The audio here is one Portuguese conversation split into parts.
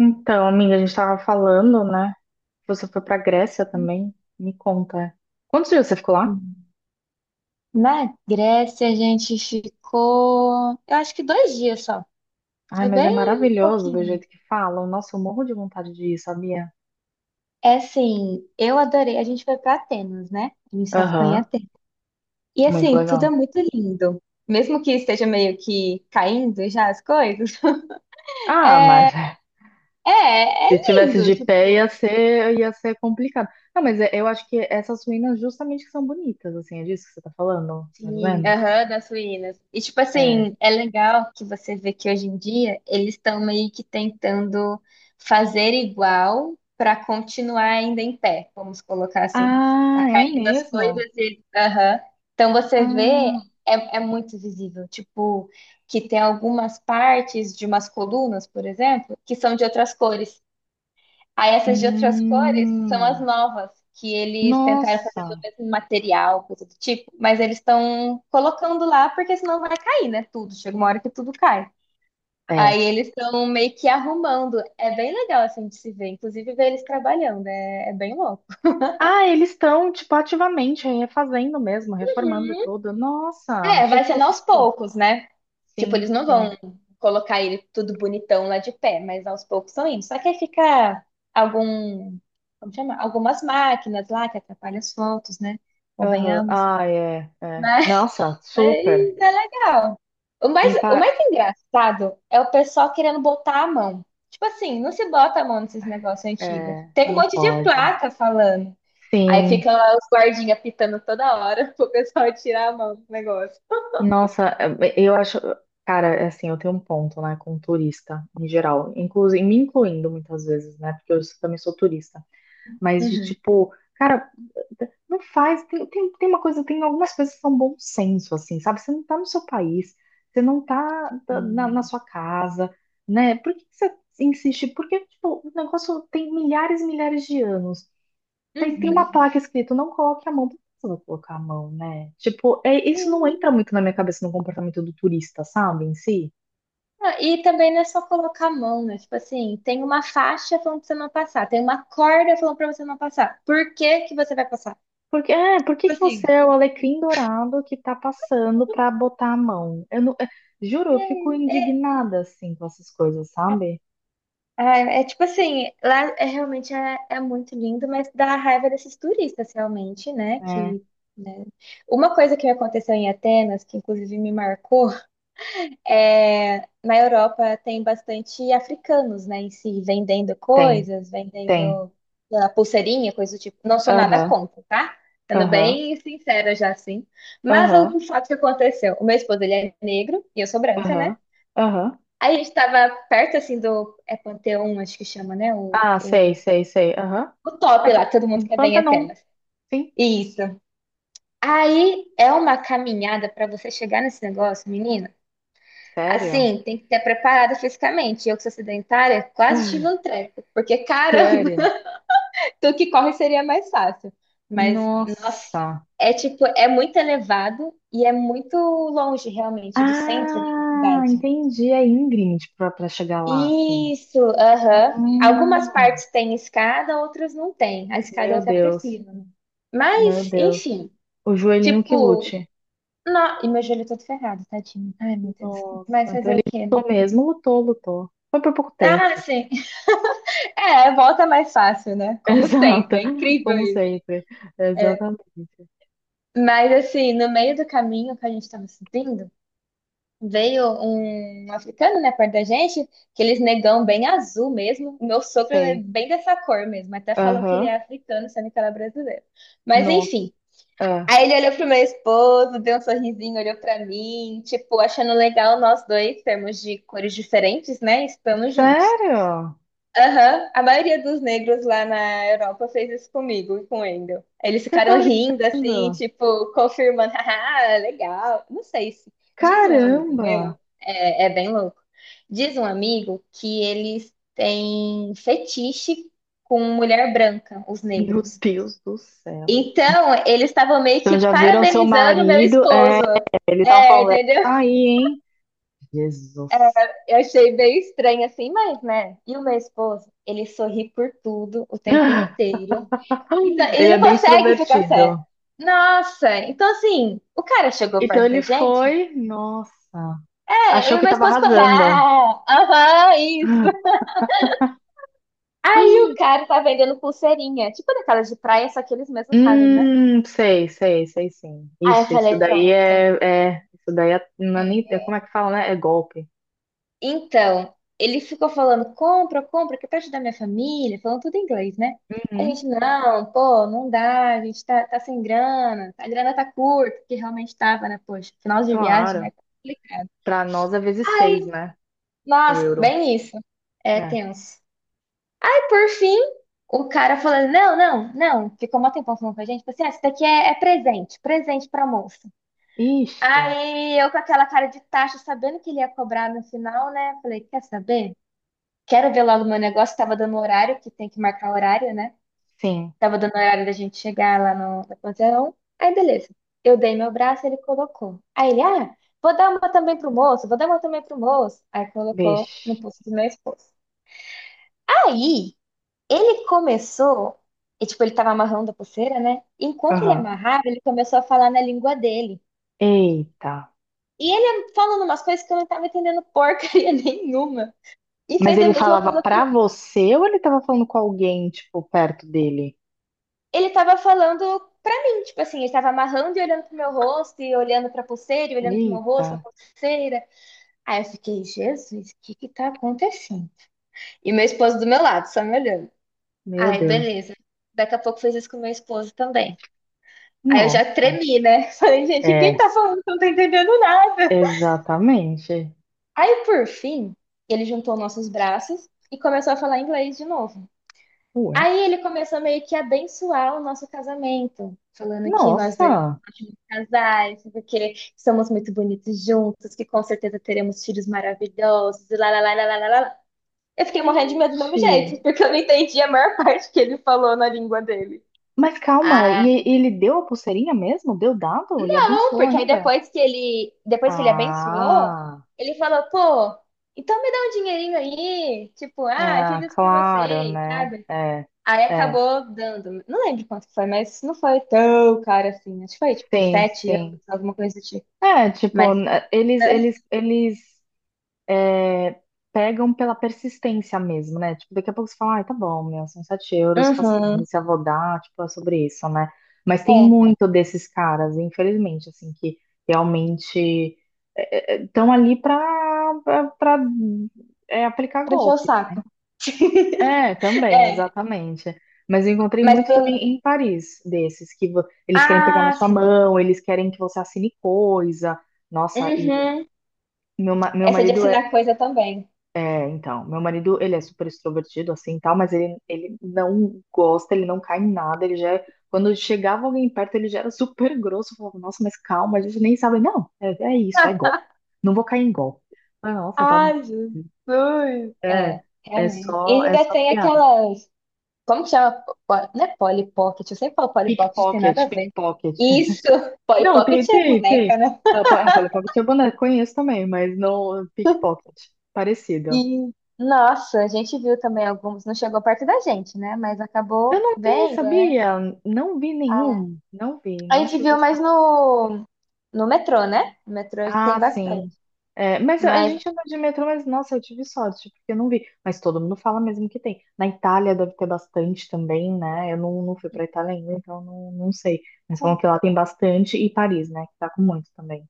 Então, amiga, a gente tava falando, né? Você foi pra Grécia também? Me conta. Quantos dias você ficou lá? Hum. Na Grécia a gente ficou, eu acho que 2 dias só. Ai, Foi mas é bem maravilhoso do pouquinho. jeito que falam. Nossa, eu morro de vontade de ir, sabia? É assim, eu adorei. A gente foi para Atenas, né? A gente só ficou em Aham, Atenas. E muito assim, tudo é legal. muito lindo. Mesmo que esteja meio que caindo já as coisas. Ah, mas É, é se tivesse lindo. de pé Tipo, ia ser complicado. Não, mas eu acho que essas ruínas justamente que são bonitas, assim, é disso que você tá falando, mais ou sim, menos? aham, das ruínas. E, tipo É. assim, é legal que você vê que hoje em dia eles estão meio que tentando fazer igual para continuar ainda em pé, vamos colocar assim. Ah, Tá é caindo as mesmo? coisas e. Aham. Então você vê, Ah, é muito visível. Tipo, que tem algumas partes de umas colunas, por exemplo, que são de outras cores. Aí essas de outras cores são as hum, novas, que eles tentaram fazer do nossa. mesmo material, coisa do tipo, mas eles estão colocando lá porque senão vai cair, né? Tudo. Chega uma hora que tudo cai. Aí É. eles estão meio que arrumando. É bem legal assim de se ver, inclusive ver eles trabalhando, é bem louco. Ah, eles estão, tipo, ativamente refazendo mesmo, reformando tudo. Nossa, É, achei vai que sendo fosse, aos tipo, poucos, né? Tipo, sim, eles não vão sim. colocar ele tudo bonitão lá de pé, mas aos poucos estão indo. Só que aí fica algum, como chama? Algumas máquinas lá que atrapalham as fotos, né? Aham. Convenhamos. Ah, é, é. Mas Nossa, mas super. é legal. O mais, Impa... o mais engraçado é o pessoal querendo botar a mão. Tipo assim, não se bota a mão nesses negócios antigos. É, Tem um não monte de pode. placa falando. Aí Sim. fica lá os guardinhas pitando toda hora pro pessoal tirar a mão do negócio. Nossa, eu acho... Cara, é assim, eu tenho um ponto, né, com turista, em geral. Inclusive, me incluindo muitas vezes, né, porque eu também sou turista, mas de Uhum. tipo, cara, não faz. Tem uma coisa, tem algumas coisas que são bom senso, assim, sabe? Você não tá no seu país, você não tá na Hum. sua casa, né? Por que que você insiste? Porque, tipo, o negócio tem milhares e milhares de anos. Tem Uhum. uma placa escrito, não coloque a mão. Por que você vai colocar a mão, né? Tipo, E, isso não entra muito na minha cabeça no comportamento do turista, sabe? Em si. e também não é só colocar a mão, né? Tipo assim, tem uma faixa falando pra você não passar, tem uma corda falando pra você não passar. Por que que você vai passar? Por que que Tipo você assim, é o alecrim dourado que tá passando pra botar a mão? Eu não, é, Juro, eu fico é indignada assim com essas coisas, sabe? ah, é tipo assim, lá é realmente é muito lindo, mas dá raiva desses turistas realmente, né? É, Que, né? Uma coisa que me aconteceu em Atenas, que inclusive me marcou, é na Europa tem bastante africanos, né, em si, vendendo tem, coisas, tem. vendendo sei lá, pulseirinha, coisa do tipo. Não sou nada Aham, contra, tá? Sendo aham, bem sincera já assim. Mas aham, o fato que aconteceu, o meu esposo ele é negro e eu sou branca, né? aham, aham. Aí a gente tava perto, assim, do... É Panteão, acho que chama, né? O, Ah, sei, o, sei, sei. Aham. o top lá, que todo mundo quer ver em Pantanon, Atenas. sim. Isso. Aí é uma caminhada pra você chegar nesse negócio, menina. Sério? Assim, tem que ter preparada fisicamente. Eu que sou sedentária, quase tive um treco. Porque, caramba, Sério? tu que corre seria mais fácil. Mas, nossa, Nossa. é tipo, é muito elevado e é muito longe, realmente, do centro da Ah, cidade. entendi. É íngreme tipo, pra chegar lá, assim. Isso, aham. Algumas Hum, partes têm escada, outras não têm. A escada eu meu até Deus, prefiro, né? meu Mas, Deus. enfim, O joelhinho que tipo, lute. não... e meu joelho todo ferrado, tadinho. Ai, meu Deus. Mas Nossa, então fazer ele o quê? Né? lutou mesmo, lutou, lutou. Foi por pouco tempo. Ah, sim. É, volta mais fácil, né? Como Exato, sempre, é incrível como isso. sempre. É. Exatamente. Mas assim, no meio do caminho que a gente tava subindo, veio um africano, né, perto da gente, que eles negão bem azul mesmo. O meu sogro é Sei. bem dessa cor mesmo. Até falam que ele Aham. é africano, sendo que ele é brasileiro. Mas Nossa. enfim. Ah, Aí ele olhou pro meu esposo, deu um sorrisinho, olhou pra mim, tipo, achando legal nós dois termos de cores diferentes, né? Estamos juntos. sério? Aham, a maioria dos negros lá na Europa fez isso comigo e com o Wendel. Eles Você tá ficaram rindo, assim, brincando? tipo, confirmando, ah, legal. Não sei se. Diz um amigo Caramba! meu, é bem louco. Diz um amigo que eles têm fetiche com mulher branca, os Meu negros. Deus do céu. Então, eles estavam meio Então que já viram seu parabenizando meu marido? É, esposo. eles estavam É, falando, "É isso entendeu? aí, hein?" Jesus. Eu achei bem estranho assim, mas, né? E o meu esposo, ele sorri por tudo o tempo inteiro. Então, ele Ele é não bem consegue ficar sério. extrovertido. Nossa, então assim, o cara chegou Então perto da ele gente? foi, nossa, É, eu e achou o que meu tava esposo falou, arrasando. ah, aham, isso. Aí o cara tá vendendo pulseirinha, tipo daquelas de praia, só que eles mesmos fazem, né? Sei, sei, sei sim. Aí eu Ixi, isso falei, daí pronto. é, é, isso daí é, não é nem, É. Como é que fala, né? É golpe. Então, ele ficou falando, compra, compra, que é pra ajudar minha família, falando tudo em inglês, né? A Uhum, gente, não, pô, não dá, a gente tá sem grana, a grana tá curta, que realmente tava, né? Poxa, final de viagem, né? claro. Complicado. Pra nós é vezes seis, né? O Nossa, euro, bem isso. É né? tenso. E por fim, o cara falando, não, não, não. Ficou um tempão falando com a gente. Falou assim, ah, isso daqui é presente, presente pra moça. Ixi, Aí, eu com aquela cara de tacho, sabendo que ele ia cobrar no final, né? Falei, quer saber? Quero ver logo o meu negócio. Tava dando horário, que tem que marcar horário, né? sim, Tava dando horário da gente chegar lá no Panteão. Aí, beleza. Eu dei meu braço, ele colocou. Aí ele, ah, vou dar uma também pro moço, vou dar uma também pro moço. Aí colocou no vixe. pulso do meu esposo. Aí, ele começou, e tipo, ele tava amarrando a pulseira, né? Enquanto ele Aham. amarrava, ele começou a falar na língua dele. Eita. E ele falando umas coisas que eu não tava entendendo porcaria nenhuma. E Mas fez a ele mesma falava coisa pro... pra você ou ele tava falando com alguém, tipo, perto dele? Ele tava falando pra mim, tipo assim, ele tava amarrando e olhando pro meu rosto, e olhando pra pulseira, e olhando pro meu Eita, rosto, pra pulseira. Aí eu fiquei, Jesus, o que que tá acontecendo? E meu esposo do meu lado, só me olhando. meu Aí, Deus. beleza. Daqui a pouco fez isso com meu esposo também. Aí eu já Nossa. tremi, né? Falei, gente, quem É, tá falando que eu não tá entendendo nada? exatamente. Aí, por fim, ele juntou nossos braços e começou a falar inglês de novo. Ué, Aí ele começou meio que a abençoar o nosso casamento, falando que nós dois nossa. somos ótimos casais, porque somos muito bonitos juntos, que com certeza teremos filhos maravilhosos, e lá, lá, lá, lá, lá, lá, lá. Eu fiquei morrendo de medo do mesmo jeito, Gente. porque eu não entendi a maior parte que ele falou na língua dele. Mas calma, ele deu a pulseirinha mesmo? Deu dado? E Não, abençoou porque aí ainda? depois que ele abençoou, Ah, ele falou, pô, então me dá um dinheirinho aí, tipo, ah, fiz ah, isso pra claro, vocês, né? sabe? É, Aí é. acabou dando, não lembro quanto que foi, mas não foi tão caro assim, acho que foi tipo Sim, 7 euros, sim. alguma coisa do tipo. É, tipo, Mas, n- eles, né? eles, eles pegam pela persistência mesmo, né? Tipo, daqui a pouco você fala, ai, tá bom, meu, são 7 euros, Uhum, paciência, vou dar, tipo, é sobre isso, né? Mas tem é, muito desses caras, infelizmente, assim, que realmente estão ali pra, pra, aplicar pra encher o golpe. saco. É, também, É, exatamente. Mas eu encontrei mas muito pelo, também em Paris, desses, que eles querem pegar na ah, sua sim, mão, eles querem que você assine coisa. Nossa, e uhum, meu, ma- meu essa de marido é, assinar coisa também. é, então, meu marido, ele é super extrovertido, assim, tal, mas ele não gosta, ele não cai em nada, ele já, quando chegava alguém perto, ele já era super grosso, eu falava, nossa, mas calma, a gente nem sabe, não, é isso, é golpe, não vou cair em golpe. Eu falei, nossa, tá bom, Ai, Jesus. É, é, é realmente. E só, é ainda só tem piada. aquelas como que chama? Po- não é Polly Pocket? Eu sempre falo Polly Pocket, tem nada a Pickpocket, ver. pickpocket. Isso! Polly Não, Pocket tem, é tem, boneca, tem. né? Ah, Polly Pocket é boneco, conheço também, mas não pickpocket. Parecido. E, nossa, a gente viu também alguns. Não chegou perto da gente, né? Mas Eu acabou não vi, bem, né? sabia? Não vi Ah, nenhum. Não vi, a não gente tive viu mais sorte. no metrô, né? No metrô tem Ah, bastante. sim. É, mas a Mas gente anda de metrô, mas nossa, eu tive sorte, porque eu não vi. Mas todo mundo fala mesmo que tem. Na Itália deve ter bastante também, né? Eu não, não fui pra Itália ainda, então não, não sei. Mas falam que lá tem bastante, e Paris, né? Que tá com muito também.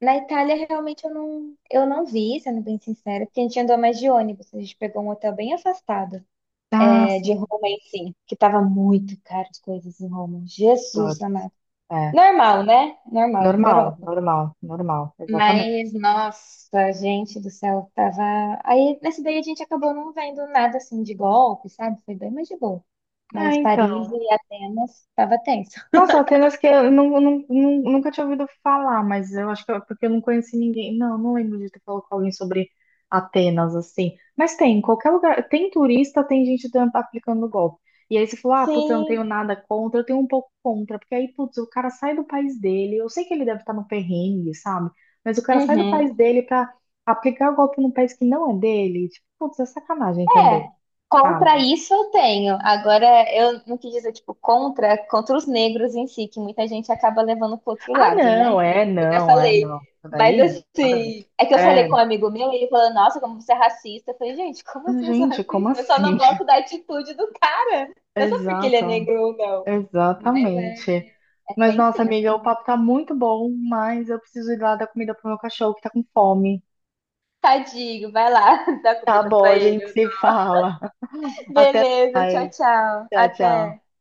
na Itália, realmente, eu não vi, sendo bem sincera, porque a gente andou mais de ônibus. A gente pegou um hotel bem afastado, Ah, é, de sim. Roma em si, que tava muito caro as coisas em Roma. Jesus Putz, amado. é. Normal, né? Normal, Normal, Europa. normal, normal. Exatamente. Mas, nossa, gente do céu, tava. Aí, nesse daí, a gente acabou não vendo nada assim de golpe, sabe? Foi bem mais de boa. Ah, Mas então. Paris e Atenas tava tenso. Nossa, Atenas que eu não, não- não- nunca tinha ouvido falar, mas eu acho que é porque eu não conheci ninguém. Não, não lembro de ter falado com alguém sobre Atenas, assim. Mas tem, em qualquer lugar. Tem turista, tem gente aplicando golpe. E aí você falou, ah, putz, eu não tenho Sim. nada contra, eu tenho um pouco contra, porque aí, putz, o cara sai do país dele. Eu sei que ele deve estar no perrengue, sabe? Mas o cara sai do Uhum. país dele pra aplicar o golpe num país que não é dele. Tipo, putz, é sacanagem também, É, sabe? contra isso eu tenho. Agora, eu não quis dizer, tipo, contra os negros em si, que muita gente acaba levando pro outro Ah, lado, né? não, Então, é, por isso que eu até não, é, não. falei. Isso Mas, daí, nada a ver. assim, é que eu falei com É, um amigo meu e ele falou, nossa, como você é racista. Eu falei, gente, como assim eu sou gente, como racista? Eu só não assim? gosto da atitude do cara. Não é só porque ele é Exato, negro ou não. Mas é, exatamente. é Mas, tem nossa, sim, assim. amiga, o papo tá muito bom, mas eu preciso ir lá dar comida pro meu cachorro que tá com fome. Tadinho, vai lá, dá Tá comida bom, pra a gente ele. se fala. Até, Beleza, tchau, tchau. tchau, tchau. Até.